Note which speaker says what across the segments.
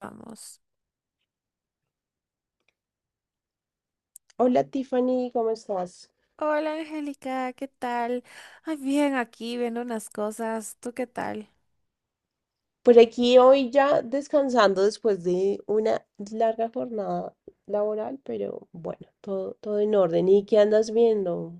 Speaker 1: Vamos.
Speaker 2: Hola Tiffany, ¿cómo estás?
Speaker 1: Hola Angélica, ¿qué tal? Ay, bien, aquí viendo unas cosas. ¿Tú qué tal?
Speaker 2: Por aquí hoy ya descansando después de una larga jornada laboral, pero bueno, todo en orden. ¿Y qué andas viendo?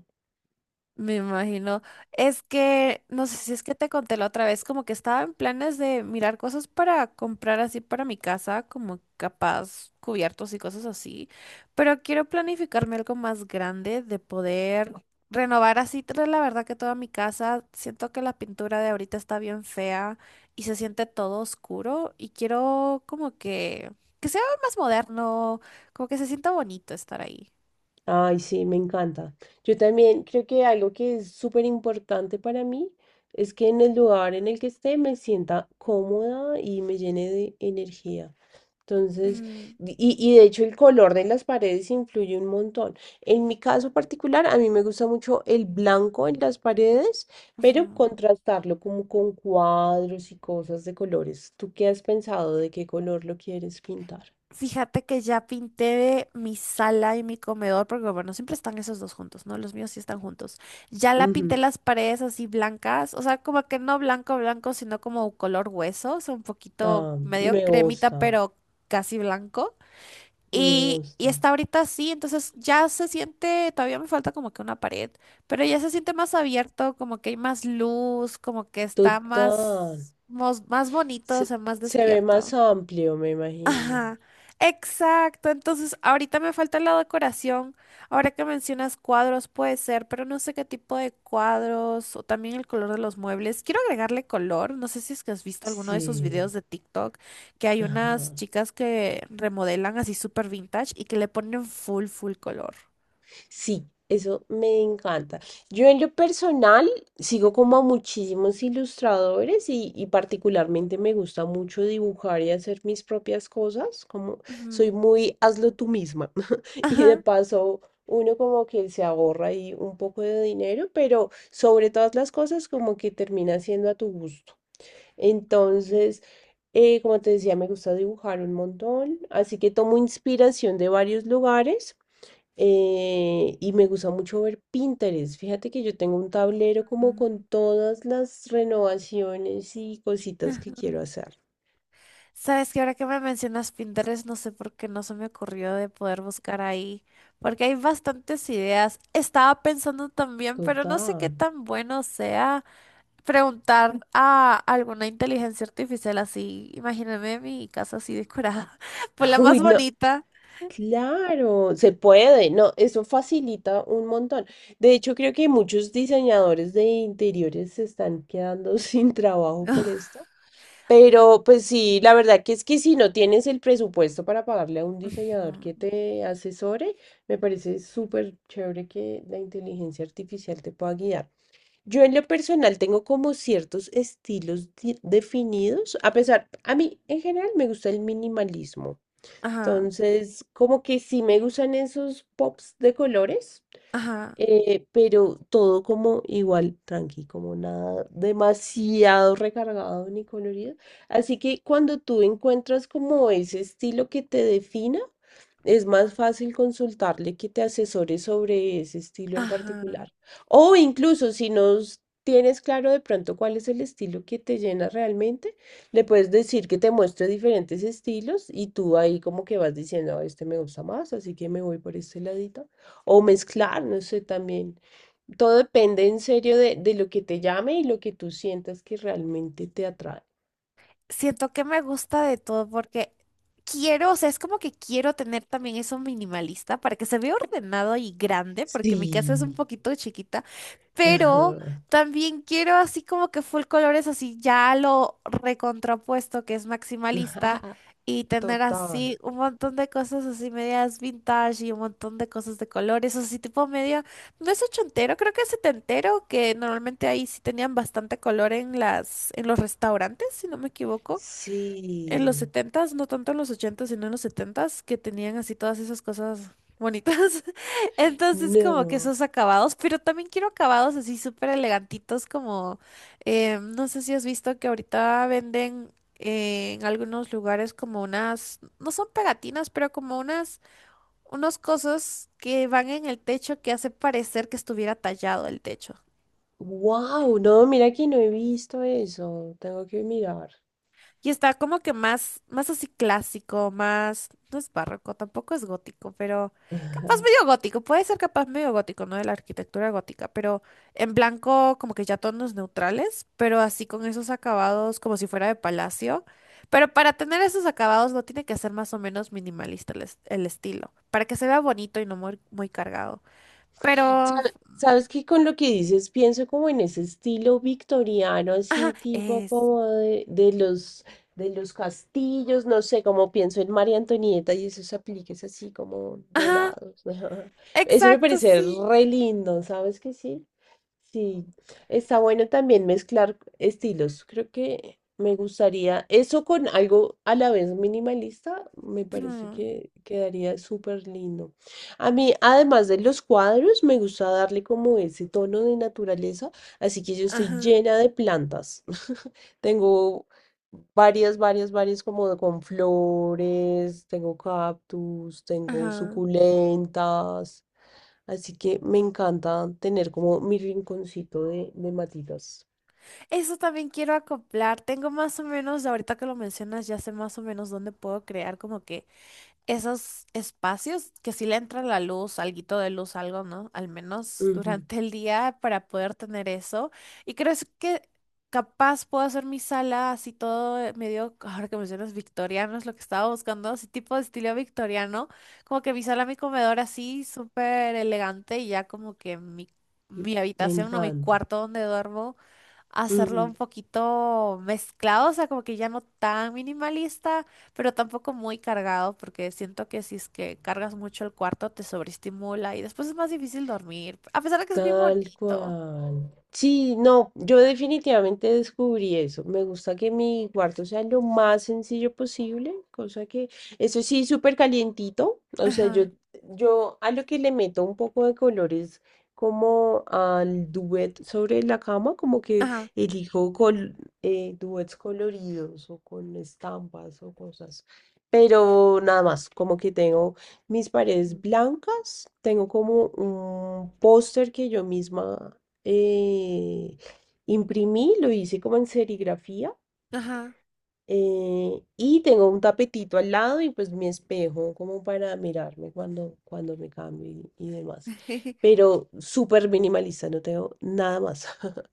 Speaker 1: Me imagino. Es que, no sé si es que te conté la otra vez, como que estaba en planes de mirar cosas para comprar así para mi casa, como capaz cubiertos y cosas así, pero quiero planificarme algo más grande de poder renovar así, la verdad que toda mi casa, siento que la pintura de ahorita está bien fea y se siente todo oscuro y quiero como que sea más moderno, como que se sienta bonito estar ahí.
Speaker 2: Ay, sí, me encanta. Yo también creo que algo que es súper importante para mí es que en el lugar en el que esté me sienta cómoda y me llene de energía. Entonces,
Speaker 1: Mm,
Speaker 2: y de hecho el color de las paredes influye un montón. En mi caso particular, a mí me gusta mucho el blanco en las paredes, pero
Speaker 1: ujú.
Speaker 2: contrastarlo como con cuadros y cosas de colores. ¿Tú qué has pensado de qué color lo quieres pintar?
Speaker 1: Fíjate que ya pinté mi sala y mi comedor, porque bueno, siempre están esos dos juntos, ¿no? Los míos sí están juntos. Ya la pinté
Speaker 2: Ujú.
Speaker 1: las paredes así blancas, o sea, como que no blanco, blanco, sino como color hueso, o sea, un poquito
Speaker 2: Ah,
Speaker 1: medio
Speaker 2: me
Speaker 1: cremita,
Speaker 2: gusta,
Speaker 1: pero casi blanco.
Speaker 2: me
Speaker 1: Y
Speaker 2: gusta.
Speaker 1: está ahorita así, entonces ya se siente, todavía me falta como que una pared, pero ya se siente más abierto, como que hay más luz, como que está
Speaker 2: Total.
Speaker 1: más, más bonito, o
Speaker 2: Se,
Speaker 1: sea, más
Speaker 2: se ve más
Speaker 1: despierto.
Speaker 2: amplio, me imagino.
Speaker 1: Ajá, exacto. Entonces, ahorita me falta la decoración. Ahora que mencionas cuadros, puede ser, pero no sé qué tipo de cuadros o también el color de los muebles. Quiero agregarle color. No sé si es que has visto alguno de esos videos
Speaker 2: Sí.
Speaker 1: de TikTok que hay unas
Speaker 2: Ajá.
Speaker 1: chicas que remodelan así súper vintage y que le ponen full, full color.
Speaker 2: Sí, eso me encanta. Yo en lo personal sigo como a muchísimos ilustradores y particularmente me gusta mucho dibujar y hacer mis propias cosas, como soy
Speaker 1: Ujú.
Speaker 2: muy hazlo tú misma y de
Speaker 1: Ajá.
Speaker 2: paso uno como que se ahorra ahí un poco de dinero, pero sobre todas las cosas como que termina siendo a tu gusto. Entonces, como te decía, me gusta dibujar un montón, así que tomo inspiración de varios lugares. Y me gusta mucho ver Pinterest. Fíjate que yo tengo un tablero como con todas las renovaciones y cositas que
Speaker 1: Mm.
Speaker 2: quiero hacer.
Speaker 1: Sabes que ahora que me mencionas Pinterest, no sé por qué no se me ocurrió de poder buscar ahí, porque hay bastantes ideas. Estaba pensando también, pero no sé qué
Speaker 2: Total.
Speaker 1: tan bueno sea preguntar a alguna inteligencia artificial así. Imagíname mi casa así decorada, pues la más
Speaker 2: Uy, no.
Speaker 1: bonita.
Speaker 2: Claro, se puede, no, eso facilita un montón. De hecho, creo que muchos diseñadores de interiores se están quedando sin trabajo por esto. Pero pues sí, la verdad que es que si no tienes el presupuesto para pagarle a un diseñador que
Speaker 1: Ujú.
Speaker 2: te asesore, me parece súper chévere que la inteligencia artificial te pueda guiar. Yo en lo personal tengo como ciertos estilos definidos, a pesar, a mí en general me gusta el minimalismo.
Speaker 1: Ajá,
Speaker 2: Entonces, como que sí me gustan esos pops de colores,
Speaker 1: ajá,
Speaker 2: pero todo como igual, tranqui, como nada demasiado recargado ni colorido. Así que cuando tú encuentras como ese estilo que te defina, es más fácil consultarle que te asesore sobre ese estilo en
Speaker 1: ajá.
Speaker 2: particular. O incluso si no s- tienes claro de pronto cuál es el estilo que te llena realmente, le puedes decir que te muestre diferentes estilos y tú ahí como que vas diciendo, "Ah, este me gusta más, así que me voy por este ladito. O mezclar, no sé, también. Todo depende en serio de lo que te llame y lo que tú sientas que realmente te atrae.
Speaker 1: Siento que me gusta de todo porque quiero, o sea, es como que quiero tener también eso minimalista para que se vea ordenado y grande, porque mi casa
Speaker 2: Sí.
Speaker 1: es un poquito chiquita, pero
Speaker 2: Ajá.
Speaker 1: también quiero así como que full colores, así ya lo recontrapuesto, que es maximalista,
Speaker 2: Ajá,
Speaker 1: y tener
Speaker 2: total.
Speaker 1: así un montón de cosas así medias vintage y un montón de cosas de colores, así tipo medio. No es ochentero, creo que es setentero, que normalmente ahí sí tenían bastante color en las, en los restaurantes, si no me equivoco. En los
Speaker 2: Sí.
Speaker 1: setentas, no tanto en los ochentas, sino en los setentas, que tenían así todas esas cosas bonitas. Entonces, como que
Speaker 2: No.
Speaker 1: esos acabados, pero también quiero acabados así súper elegantitos, como, no sé si has visto que ahorita venden en algunos lugares como unas, no son pegatinas, pero como unas unos cosos que van en el techo que hace parecer que estuviera tallado el techo.
Speaker 2: Wow, no, mira que no he visto eso. Tengo que mirar.
Speaker 1: Y está como que más, más así clásico, más, no es barroco, tampoco es gótico, pero capaz medio gótico, puede ser capaz medio gótico, ¿no? De la arquitectura gótica, pero en blanco como que ya tonos neutrales, pero así con esos acabados como si fuera de palacio. Pero para tener esos acabados no tiene que ser más o menos minimalista el, el estilo, para que se vea bonito y no muy, muy cargado. Pero,
Speaker 2: Sa- Sabes que con lo que dices pienso como en ese estilo victoriano,
Speaker 1: ajá,
Speaker 2: así tipo
Speaker 1: eso.
Speaker 2: como de los castillos, no sé, como pienso en María Antonieta y esos apliques así como
Speaker 1: Ajá,
Speaker 2: dorados. Eso me
Speaker 1: exacto,
Speaker 2: parece
Speaker 1: sí.
Speaker 2: re lindo, ¿sabes que sí? Sí, está bueno también mezclar estilos. Creo que me gustaría eso con algo a la vez minimalista, me parece
Speaker 1: Mm,
Speaker 2: que quedaría súper lindo. A mí, además de los cuadros, me gusta darle como ese tono de naturaleza, así que yo estoy
Speaker 1: ajá.
Speaker 2: llena de plantas. Tengo varias, varias, varias como con flores, tengo cactus, tengo
Speaker 1: Ajá.
Speaker 2: suculentas. Así que me encanta tener como mi rinconcito de matitas.
Speaker 1: Eso también quiero acoplar. Tengo más o menos, ahorita que lo mencionas, ya sé más o menos dónde puedo crear como que esos espacios que sí le entra la luz, alguito de luz, algo, ¿no? Al menos
Speaker 2: Ujú,
Speaker 1: durante el día para poder tener eso. Y creo es que capaz puedo hacer mi sala así todo medio, ahora que mencionas victoriano, es lo que estaba buscando, así tipo de estilo victoriano, como que mi sala, mi comedor así súper elegante y ya como que mi,
Speaker 2: m-
Speaker 1: mi
Speaker 2: me
Speaker 1: habitación, no, mi
Speaker 2: encanta.
Speaker 1: cuarto donde duermo hacerlo un poquito mezclado, o sea, como que ya no tan minimalista, pero tampoco muy cargado, porque siento que si es que cargas mucho el cuarto te sobreestimula y después es más difícil dormir, a pesar de que es bien
Speaker 2: Tal
Speaker 1: bonito.
Speaker 2: cual. Sí, no, yo definitivamente descubrí eso. Me gusta que mi cuarto sea lo más sencillo posible, cosa que, eso sí, súper calientito. O sea,
Speaker 1: Ajá,
Speaker 2: yo a lo que le meto un poco de color es como al duet sobre la cama, como que
Speaker 1: ajá,
Speaker 2: elijo duets coloridos o con estampas o cosas. Pero nada más, como que tengo mis paredes
Speaker 1: ujú.
Speaker 2: blancas. Tengo como un póster que yo misma eh, imprimí, lo hice como en serigrafía.
Speaker 1: Ajá.
Speaker 2: Y tengo un tapetito al lado y pues mi espejo como para mirarme cuando me cambio y demás. Pero súper minimalista, no tengo nada más.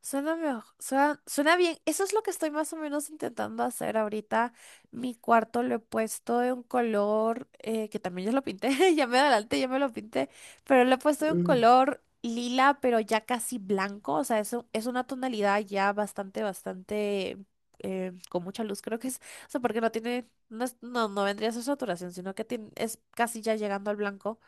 Speaker 1: Suena, suena, suena bien. Eso es lo que estoy más o menos intentando hacer ahorita. Mi cuarto lo he puesto de un color, que también ya lo pinté, ya me adelanté, ya me lo pinté, pero lo he puesto de un
Speaker 2: Ujú,
Speaker 1: color lila, pero ya casi blanco. O sea, es, es una tonalidad ya bastante, bastante, con mucha luz, creo que es. O sea, porque no tiene, no, no, no vendría a ser saturación, sino que es casi ya llegando al blanco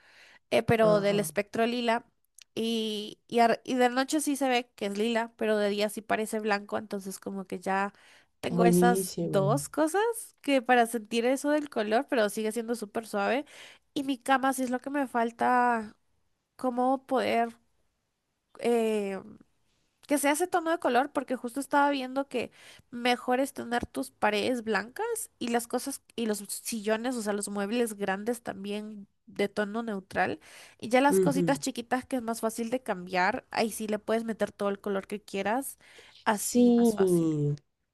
Speaker 1: pero del
Speaker 2: ajá,
Speaker 1: espectro lila. Y de noche sí se ve que es lila, pero de día sí parece blanco, entonces como que ya tengo esas
Speaker 2: buenísimo.
Speaker 1: dos cosas que para sentir eso del color, pero sigue siendo súper suave. Y mi cama sí es lo que me falta, como poder eh, que sea ese tono de color, porque justo estaba viendo que mejor es tener tus paredes blancas y las cosas y los sillones, o sea, los muebles grandes también de tono neutral. Y ya las cositas chiquitas que es más fácil de cambiar, ahí sí le puedes meter todo el color que quieras, así
Speaker 2: Sí,
Speaker 1: más fácil.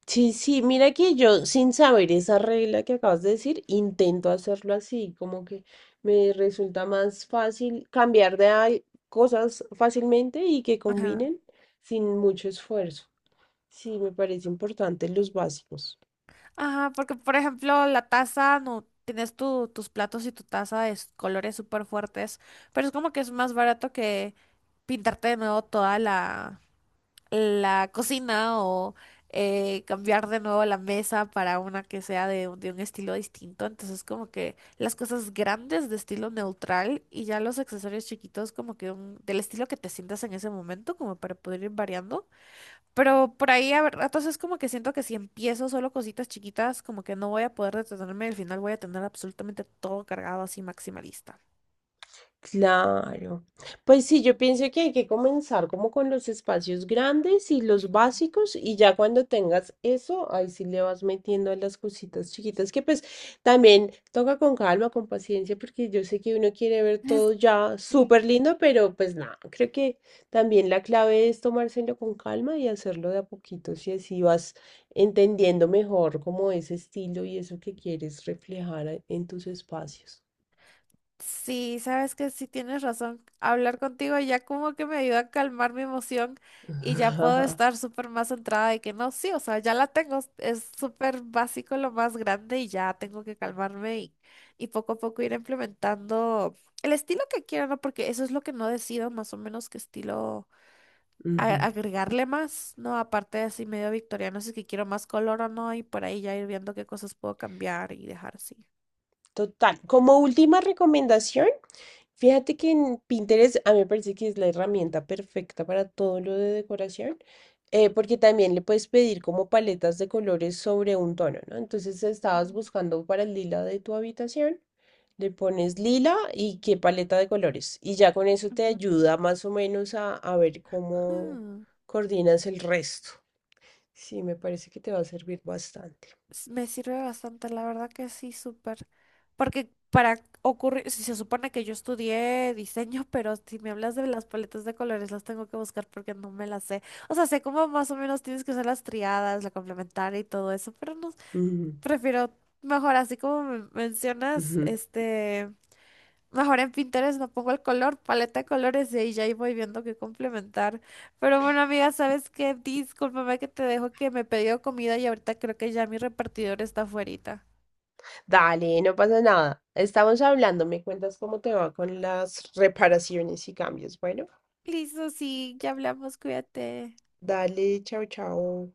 Speaker 2: sí, sí, mira que yo sin saber esa regla que acabas de decir, intento hacerlo así, como que me resulta más fácil cambiar de cosas fácilmente y que
Speaker 1: Ajá.
Speaker 2: combinen sin mucho esfuerzo. Sí, me parece importante los básicos.
Speaker 1: Ajá, porque por ejemplo, la taza, no tienes tus platos y tu taza de colores súper fuertes, pero es como que es más barato que pintarte de nuevo toda la cocina o cambiar de nuevo la mesa para una que sea de, de un estilo distinto. Entonces, como que las cosas grandes de estilo neutral y ya los accesorios chiquitos, como que del estilo que te sientas en ese momento, como para poder ir variando. Pero por ahí a ver, ratos es como que siento que si empiezo solo cositas chiquitas, como que no voy a poder detenerme. Al final voy a tener absolutamente todo cargado así maximalista.
Speaker 2: Claro. Pues sí, yo pienso que hay que comenzar como con los espacios grandes y los básicos y ya cuando tengas eso, ahí sí le vas metiendo a las cositas chiquitas que pues también toca con calma, con paciencia, porque yo sé que uno quiere ver todo ya
Speaker 1: Sí.
Speaker 2: súper lindo, pero pues nada, creo que también la clave es tomárselo con calma y hacerlo de a poquitos y así vas entendiendo mejor como ese estilo y eso que quieres reflejar en tus espacios.
Speaker 1: Sí, sabes que sí tienes razón. Hablar contigo ya como que me ayuda a calmar mi emoción y ya puedo estar súper más centrada de que no, sí, o sea, ya la tengo. Es súper básico lo más grande y ya tengo que calmarme y poco a poco ir implementando el estilo que quiera, ¿no? Porque eso es lo que no decido más o menos qué estilo
Speaker 2: Ujú.
Speaker 1: agregarle más, ¿no? Aparte de así medio victoriano, si es que quiero más color o no y por ahí ya ir viendo qué cosas puedo cambiar y dejar así.
Speaker 2: Total. Como última recomendación, fíjate que en Pinterest a mí me parece que es la herramienta perfecta para todo lo de decoración, porque también le puedes pedir como paletas de colores sobre un tono, ¿no? Entonces estabas
Speaker 1: Ujú.
Speaker 2: buscando para el lila de tu habitación, le pones lila y qué paleta de colores. Y ya con eso te ayuda más o menos a ver cómo
Speaker 1: Ujú.
Speaker 2: coordinas el resto. Sí, me parece que te va a servir bastante.
Speaker 1: Me sirve bastante, la verdad que sí, súper. Porque para ocurrir, si se supone que yo estudié diseño, pero si me hablas de las paletas de colores, las tengo que buscar porque no me las sé. O sea, sé cómo más o menos tienes que usar las triadas, la complementaria y todo eso, pero no,
Speaker 2: Ujú,
Speaker 1: prefiero mejor así como me mencionas,
Speaker 2: ujú.
Speaker 1: este. Mejor en Pinterest no pongo el color, paleta de colores y ahí ya ahí voy viendo qué complementar. Pero bueno, amiga, ¿sabes qué? Discúlpame que te dejo que me he pedido comida y ahorita creo que ya mi repartidor está afuerita.
Speaker 2: Dale, no pasa nada. Estamos hablando, me cuentas cómo te va con las reparaciones y cambios. Bueno,
Speaker 1: Listo, sí, ya hablamos, cuídate.
Speaker 2: dale, chao, chao.